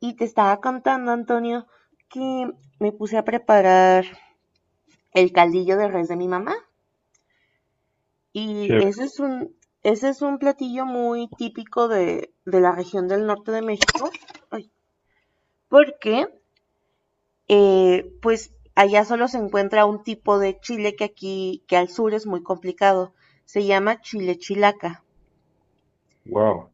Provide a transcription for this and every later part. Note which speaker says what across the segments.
Speaker 1: Y te estaba contando, Antonio, que me puse a preparar el caldillo de res de mi mamá. Y
Speaker 2: Chévere,
Speaker 1: ese es un, ese es un platillo muy típico de la región del norte de México. Ay, porque, allá solo se encuentra un tipo de chile que aquí, que al sur es muy complicado. Se llama chile chilaca.
Speaker 2: wow.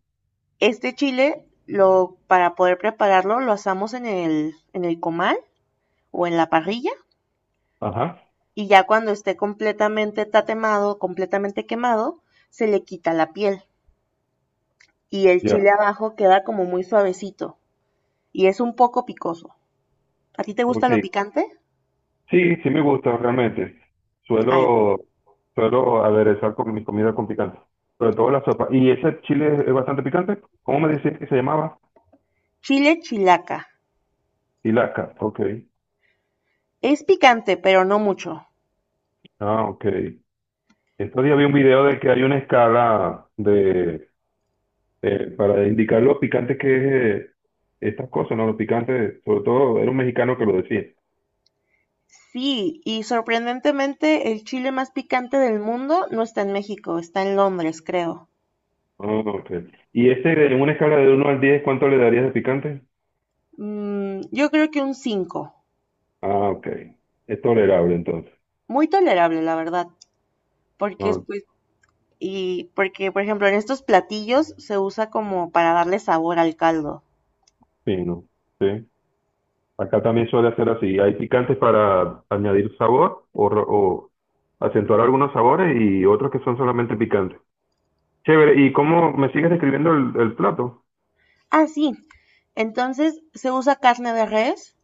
Speaker 1: Este chile, para poder prepararlo, lo asamos en en el comal o en la parrilla
Speaker 2: Ajá,
Speaker 1: y ya cuando esté completamente tatemado, completamente quemado, se le quita la piel y el
Speaker 2: ya,
Speaker 1: chile abajo queda como muy suavecito y es un poco picoso. ¿A ti te gusta
Speaker 2: ok.
Speaker 1: lo picante?
Speaker 2: Sí, sí me gusta realmente.
Speaker 1: Ay,
Speaker 2: Suelo, suelo aderezar con mi comida con picante, sobre todo la sopa. ¿Y ese chile es bastante picante? ¿Cómo me decías que se llamaba?
Speaker 1: chile chilaca.
Speaker 2: Ilaca, ok.
Speaker 1: Es picante, pero no mucho.
Speaker 2: Ah, ok. Estos días vi un video de que hay una escala de, para indicar lo picante que es estas cosas, ¿no? Lo picante, sobre todo era un mexicano que lo decía.
Speaker 1: Sí, y sorprendentemente el chile más picante del mundo no está en México, está en Londres, creo.
Speaker 2: Ah, ok. ¿Y ese, en una escala de uno al 10 cuánto le darías de picante?
Speaker 1: Mm, yo creo que un 5.
Speaker 2: Ah, ok. Es tolerable entonces.
Speaker 1: Muy tolerable, la verdad, porque
Speaker 2: Ah,
Speaker 1: pues y porque, por ejemplo, en estos platillos se usa como para darle sabor al caldo.
Speaker 2: sí, no. Sí. Acá también suele hacer así. Hay picantes para añadir sabor o, o acentuar algunos sabores y otros que son solamente picantes. Chévere. ¿Y cómo me sigues describiendo el plato?
Speaker 1: Ah, sí. Entonces se usa carne de res.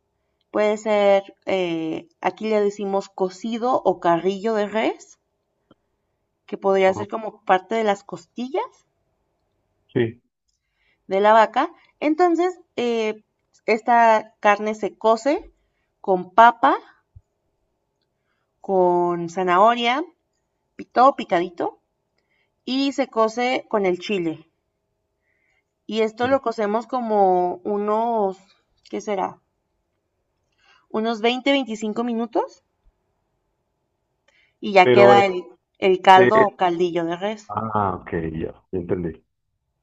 Speaker 1: Puede ser, aquí le decimos cocido o carrillo de res, que podría
Speaker 2: Ah,
Speaker 1: ser como parte de las costillas
Speaker 2: sí.
Speaker 1: de la vaca. Entonces, esta carne se cose con papa, con zanahoria, todo picadito, y se cose con el chile. Y esto lo cocemos como unos, ¿qué será? Unos 20, 25 minutos y ya
Speaker 2: Pero
Speaker 1: queda el caldo
Speaker 2: es-
Speaker 1: o caldillo de res.
Speaker 2: Ah, ok, ya entendí.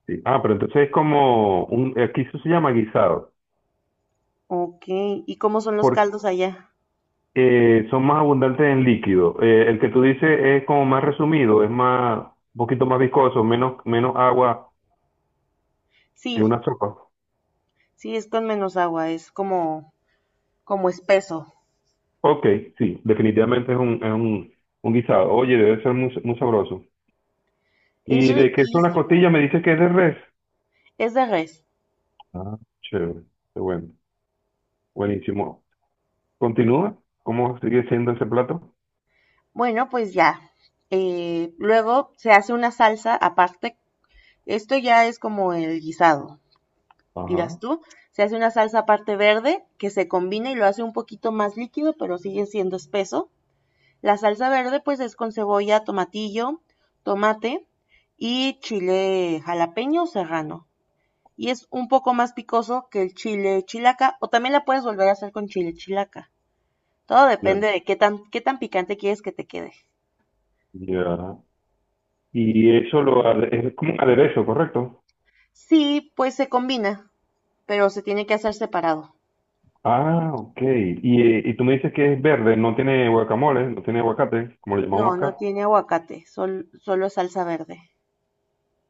Speaker 2: Sí. Ah, pero entonces es como un... Aquí eso se llama guisado.
Speaker 1: Ok, ¿y cómo son los caldos allá?
Speaker 2: Son más abundantes en líquido. El que tú dices es como más resumido, un poquito más viscoso, menos agua que
Speaker 1: Sí,
Speaker 2: una sopa.
Speaker 1: sí, es con menos agua, es como, como espeso.
Speaker 2: Ok, sí, definitivamente es un guisado. Oye, debe ser muy, muy sabroso.
Speaker 1: Es
Speaker 2: ¿Y de qué son las
Speaker 1: riquísimo,
Speaker 2: costillas? Me dices que es de res.
Speaker 1: es de res.
Speaker 2: Ah, chévere, qué bueno, buenísimo. Continúa, ¿cómo sigue siendo ese plato?
Speaker 1: Bueno, pues ya. Luego se hace una salsa aparte. Esto ya es como el guisado. Dirás
Speaker 2: Ajá,
Speaker 1: tú, se hace una salsa aparte verde que se combina y lo hace un poquito más líquido, pero sigue siendo espeso. La salsa verde pues es con cebolla, tomatillo, tomate y chile jalapeño o serrano. Y es un poco más picoso que el chile chilaca o también la puedes volver a hacer con chile chilaca. Todo
Speaker 2: ya,
Speaker 1: depende de qué tan picante quieres que te quede.
Speaker 2: ya. Y eso es como un aderezo, ¿correcto?
Speaker 1: Sí, pues se combina, pero se tiene que hacer separado.
Speaker 2: Ah, ok. Y tú me dices que es verde, no tiene guacamole, no tiene aguacate, como le llamamos
Speaker 1: No, no
Speaker 2: acá.
Speaker 1: tiene aguacate, sol- solo salsa verde.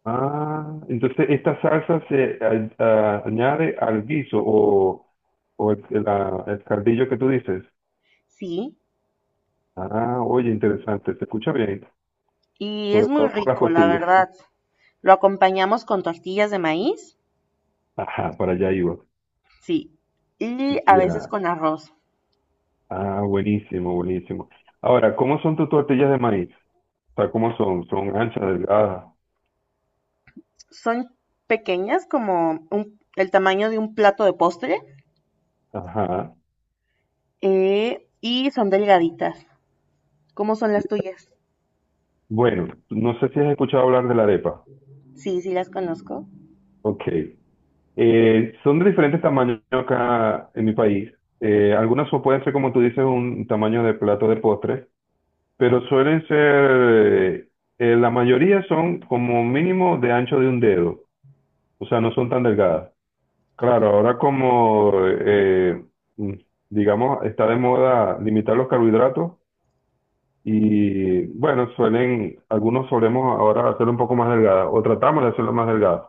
Speaker 2: Ah, entonces esta salsa se añade al guiso o, el cardillo que tú dices.
Speaker 1: Sí,
Speaker 2: Ah, oye, interesante, se escucha bien,
Speaker 1: y es
Speaker 2: sobre
Speaker 1: muy
Speaker 2: todo por las
Speaker 1: rico, la
Speaker 2: costillas.
Speaker 1: verdad. Lo acompañamos con tortillas de maíz,
Speaker 2: Ajá, para allá iba.
Speaker 1: sí, y a veces
Speaker 2: Ya.
Speaker 1: con arroz.
Speaker 2: Ah, buenísimo, buenísimo. Ahora, ¿cómo son tus tortillas de maíz? O sea, ¿cómo son? ¿Son anchas, delgadas?
Speaker 1: Son pequeñas, como un- el tamaño de un plato de postre,
Speaker 2: Ajá.
Speaker 1: y son delgaditas. ¿Cómo son las tuyas?
Speaker 2: Bueno, no sé si has escuchado hablar de la arepa.
Speaker 1: Sí, sí las conozco.
Speaker 2: Ok. Son de diferentes tamaños acá en mi país. Pueden ser, como tú dices, un tamaño de plato de postres, pero suelen ser, la mayoría son como mínimo de ancho de un dedo, o sea, no son tan delgadas. Claro, ahora como, mm, digamos, está de moda limitar los carbohidratos y bueno, suelen, algunos solemos ahora hacerlo un poco más delgada o tratamos de hacerlo más delgada,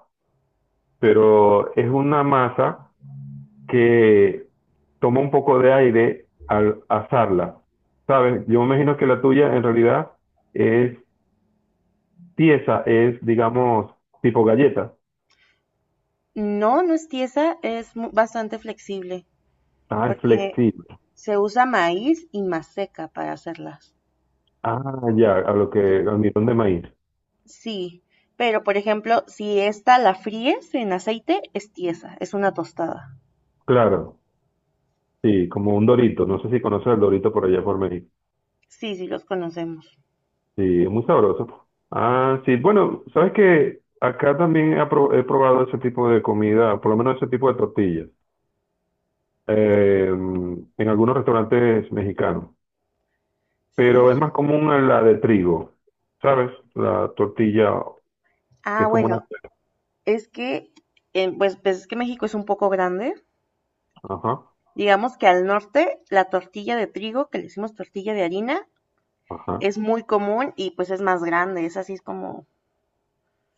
Speaker 2: pero es una masa que toma un poco de aire al asarla. ¿Sabes? Yo me imagino que la tuya en realidad es tiesa, es, digamos, tipo galleta.
Speaker 1: No, no es tiesa, es bastante flexible,
Speaker 2: Ah, es
Speaker 1: porque
Speaker 2: flexible.
Speaker 1: se usa maíz y maseca para hacerlas.
Speaker 2: Ah, ya, a lo que, al mirón de maíz.
Speaker 1: Sí, pero por ejemplo, si esta la fríes en aceite, es tiesa, es una tostada.
Speaker 2: Claro, sí, como un dorito. No sé si conoces el dorito por allá por México.
Speaker 1: Sí, sí, los conocemos.
Speaker 2: Sí, es muy sabroso, pues. Ah, sí, bueno, sabes que acá también he probado ese tipo de comida, por lo menos ese tipo de tortillas, en algunos restaurantes mexicanos. Pero es
Speaker 1: Sí.
Speaker 2: más común en la de trigo, ¿sabes? La tortilla que
Speaker 1: Ah,
Speaker 2: es como una...
Speaker 1: bueno, es que, pues es que México es un poco grande.
Speaker 2: Ajá,
Speaker 1: Digamos que al norte la tortilla de trigo, que le decimos tortilla de harina,
Speaker 2: ajá,
Speaker 1: es muy común y pues es más grande. Es así, es como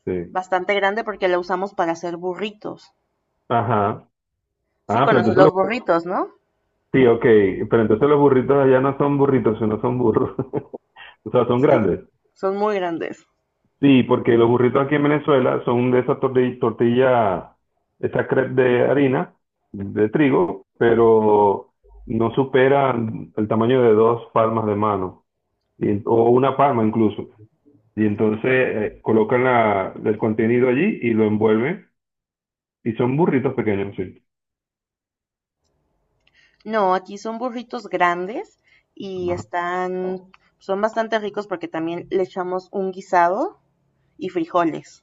Speaker 2: sí.
Speaker 1: bastante grande porque la usamos para hacer burritos.
Speaker 2: Ajá.
Speaker 1: Sí,
Speaker 2: Ah, pero
Speaker 1: conoces
Speaker 2: entonces
Speaker 1: los
Speaker 2: los...
Speaker 1: burritos, ¿no?
Speaker 2: Sí, ok, pero entonces los burritos allá no son burritos, sino son burros. O sea, son
Speaker 1: Sí.
Speaker 2: grandes.
Speaker 1: Son muy grandes.
Speaker 2: Sí, porque los burritos aquí en Venezuela son de esa tortilla, esa crepe de harina, de trigo, pero no superan el tamaño de dos palmas de mano, o una palma incluso. Y entonces colocan el contenido allí y lo envuelven. Y son burritos pequeños, sí.
Speaker 1: No, aquí son burritos grandes y
Speaker 2: Ajá.
Speaker 1: son bastante ricos porque también le echamos un guisado y frijoles.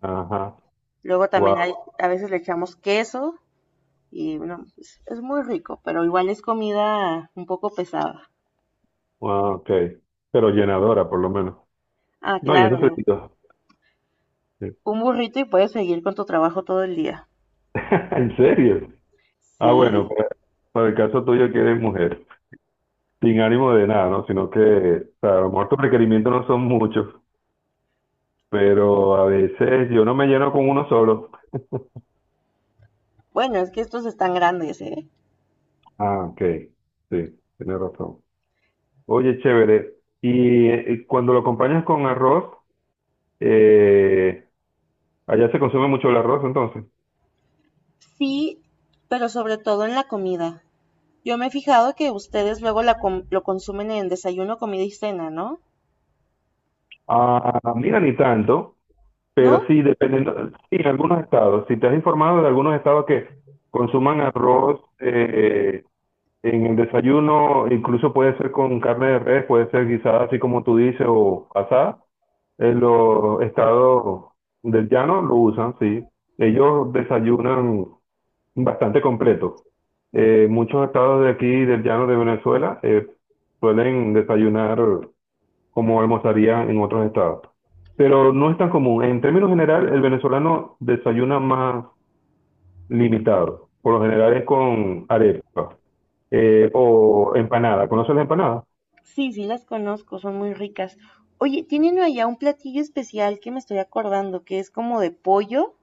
Speaker 2: Ajá.
Speaker 1: Luego también
Speaker 2: Wow.
Speaker 1: hay, a veces le echamos queso y bueno, es muy rico, pero igual es comida un poco pesada.
Speaker 2: Wow, ok. Pero llenadora, por lo menos.
Speaker 1: Ah,
Speaker 2: No, y es
Speaker 1: claro,
Speaker 2: nutritivo. Sí.
Speaker 1: un burrito y puedes seguir con tu trabajo todo el día.
Speaker 2: ¿En serio? Ah, bueno,
Speaker 1: Sí,
Speaker 2: para el caso tuyo que eres mujer, sin ánimo de nada, ¿no? Sino que, o sea, a lo mejor tus requerimientos no son muchos, pero a veces yo no me lleno con uno solo.
Speaker 1: bueno, es que estos están grandes, ¿eh?
Speaker 2: Ah, ok. Sí, tienes razón. Oye, chévere. Y cuando lo acompañas con arroz, eh, allá se consume mucho el arroz, entonces.
Speaker 1: Sí, pero sobre todo en la comida. Yo me he fijado que ustedes luego la com- lo consumen en desayuno, comida y cena, ¿no?
Speaker 2: Ah, mira, ni tanto, pero
Speaker 1: ¿No?
Speaker 2: sí, dependiendo, sí, en algunos estados. Si te has informado de algunos estados que consuman arroz, en el desayuno, incluso puede ser con carne de res, puede ser guisada así como tú dices o asada. En los estados del llano lo usan, sí. Ellos desayunan bastante completo. Muchos estados de aquí, del llano de Venezuela, suelen desayunar como almorzarían en otros estados. Pero no es tan común. En términos general, el venezolano desayuna más limitado. Por lo general es con arepa. O empanada. ¿Conoces la empanada?
Speaker 1: Sí, sí las conozco, son muy ricas. Oye, tienen allá un platillo especial que me estoy acordando, que es como de pollo.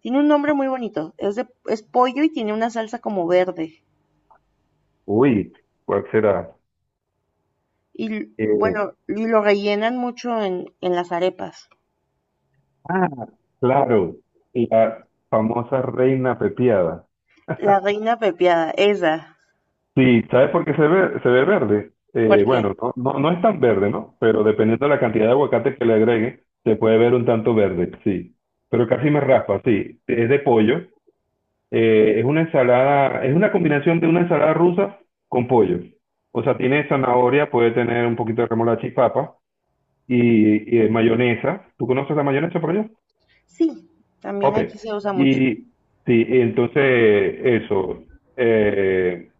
Speaker 1: Tiene un nombre muy bonito. Es pollo y tiene una salsa como verde.
Speaker 2: Uy, ¿cuál será?
Speaker 1: Y
Speaker 2: Eh,
Speaker 1: bueno, y lo rellenan mucho en las arepas.
Speaker 2: ah, claro. La famosa reina pepiada.
Speaker 1: La reina pepiada, esa.
Speaker 2: Sí, ¿sabes por qué se ve verde?
Speaker 1: Porque
Speaker 2: Bueno, no es tan verde, ¿no? Pero dependiendo de la cantidad de aguacate que le agregue, se puede ver un tanto verde, sí. Pero casi me raspa, sí. Es de pollo. Es una ensalada, es una combinación de una ensalada rusa con pollo. O sea, tiene zanahoria, puede tener un poquito de remolacha y papa, y de mayonesa. ¿Tú conoces la mayonesa por allá?
Speaker 1: sí, también
Speaker 2: Ok.
Speaker 1: aquí se usa mucho.
Speaker 2: Y sí, entonces eso, eh,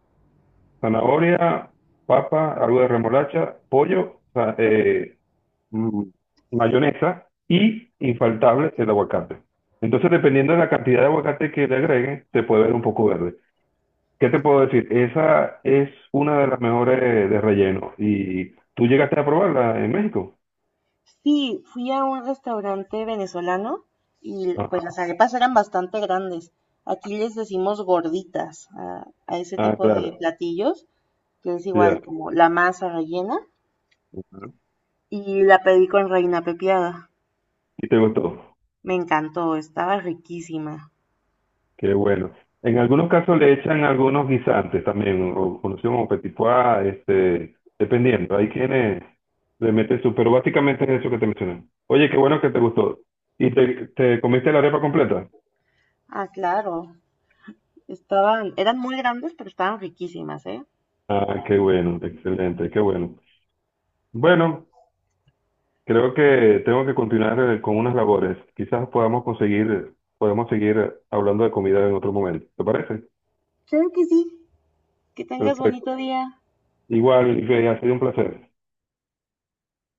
Speaker 2: zanahoria, papa, algo de remolacha, pollo, mm, mayonesa y infaltable el aguacate. Entonces, dependiendo de la cantidad de aguacate que le agreguen, se puede ver un poco verde. ¿Qué te puedo decir? Esa es una de las mejores de relleno. ¿Y tú llegaste a probarla en México?
Speaker 1: Sí, fui a un restaurante venezolano y pues las
Speaker 2: Ajá.
Speaker 1: arepas eran bastante grandes. Aquí les decimos gorditas a ese
Speaker 2: Ah,
Speaker 1: tipo de
Speaker 2: claro.
Speaker 1: platillos, que es
Speaker 2: Ya.
Speaker 1: igual como la masa rellena. Y la pedí con reina pepiada.
Speaker 2: Y te gustó.
Speaker 1: Me encantó, estaba riquísima.
Speaker 2: Qué bueno. En algunos casos le echan algunos guisantes también, o conocidos como petit pois, este, dependiendo. Hay quienes le meten su, pero básicamente es eso que te mencioné. Oye, qué bueno que te gustó. ¿Y te comiste la arepa completa?
Speaker 1: Ah, claro. Estaban, eran muy grandes, pero estaban riquísimas, ¿eh?
Speaker 2: Ah, qué bueno, excelente, qué bueno. Bueno, creo que tengo que continuar con unas labores. Quizás podamos conseguir, podemos seguir hablando de comida en otro momento. ¿Te parece?
Speaker 1: Claro que sí. Que tengas
Speaker 2: Perfecto.
Speaker 1: bonito día.
Speaker 2: Igual, Rey, ha sido un placer.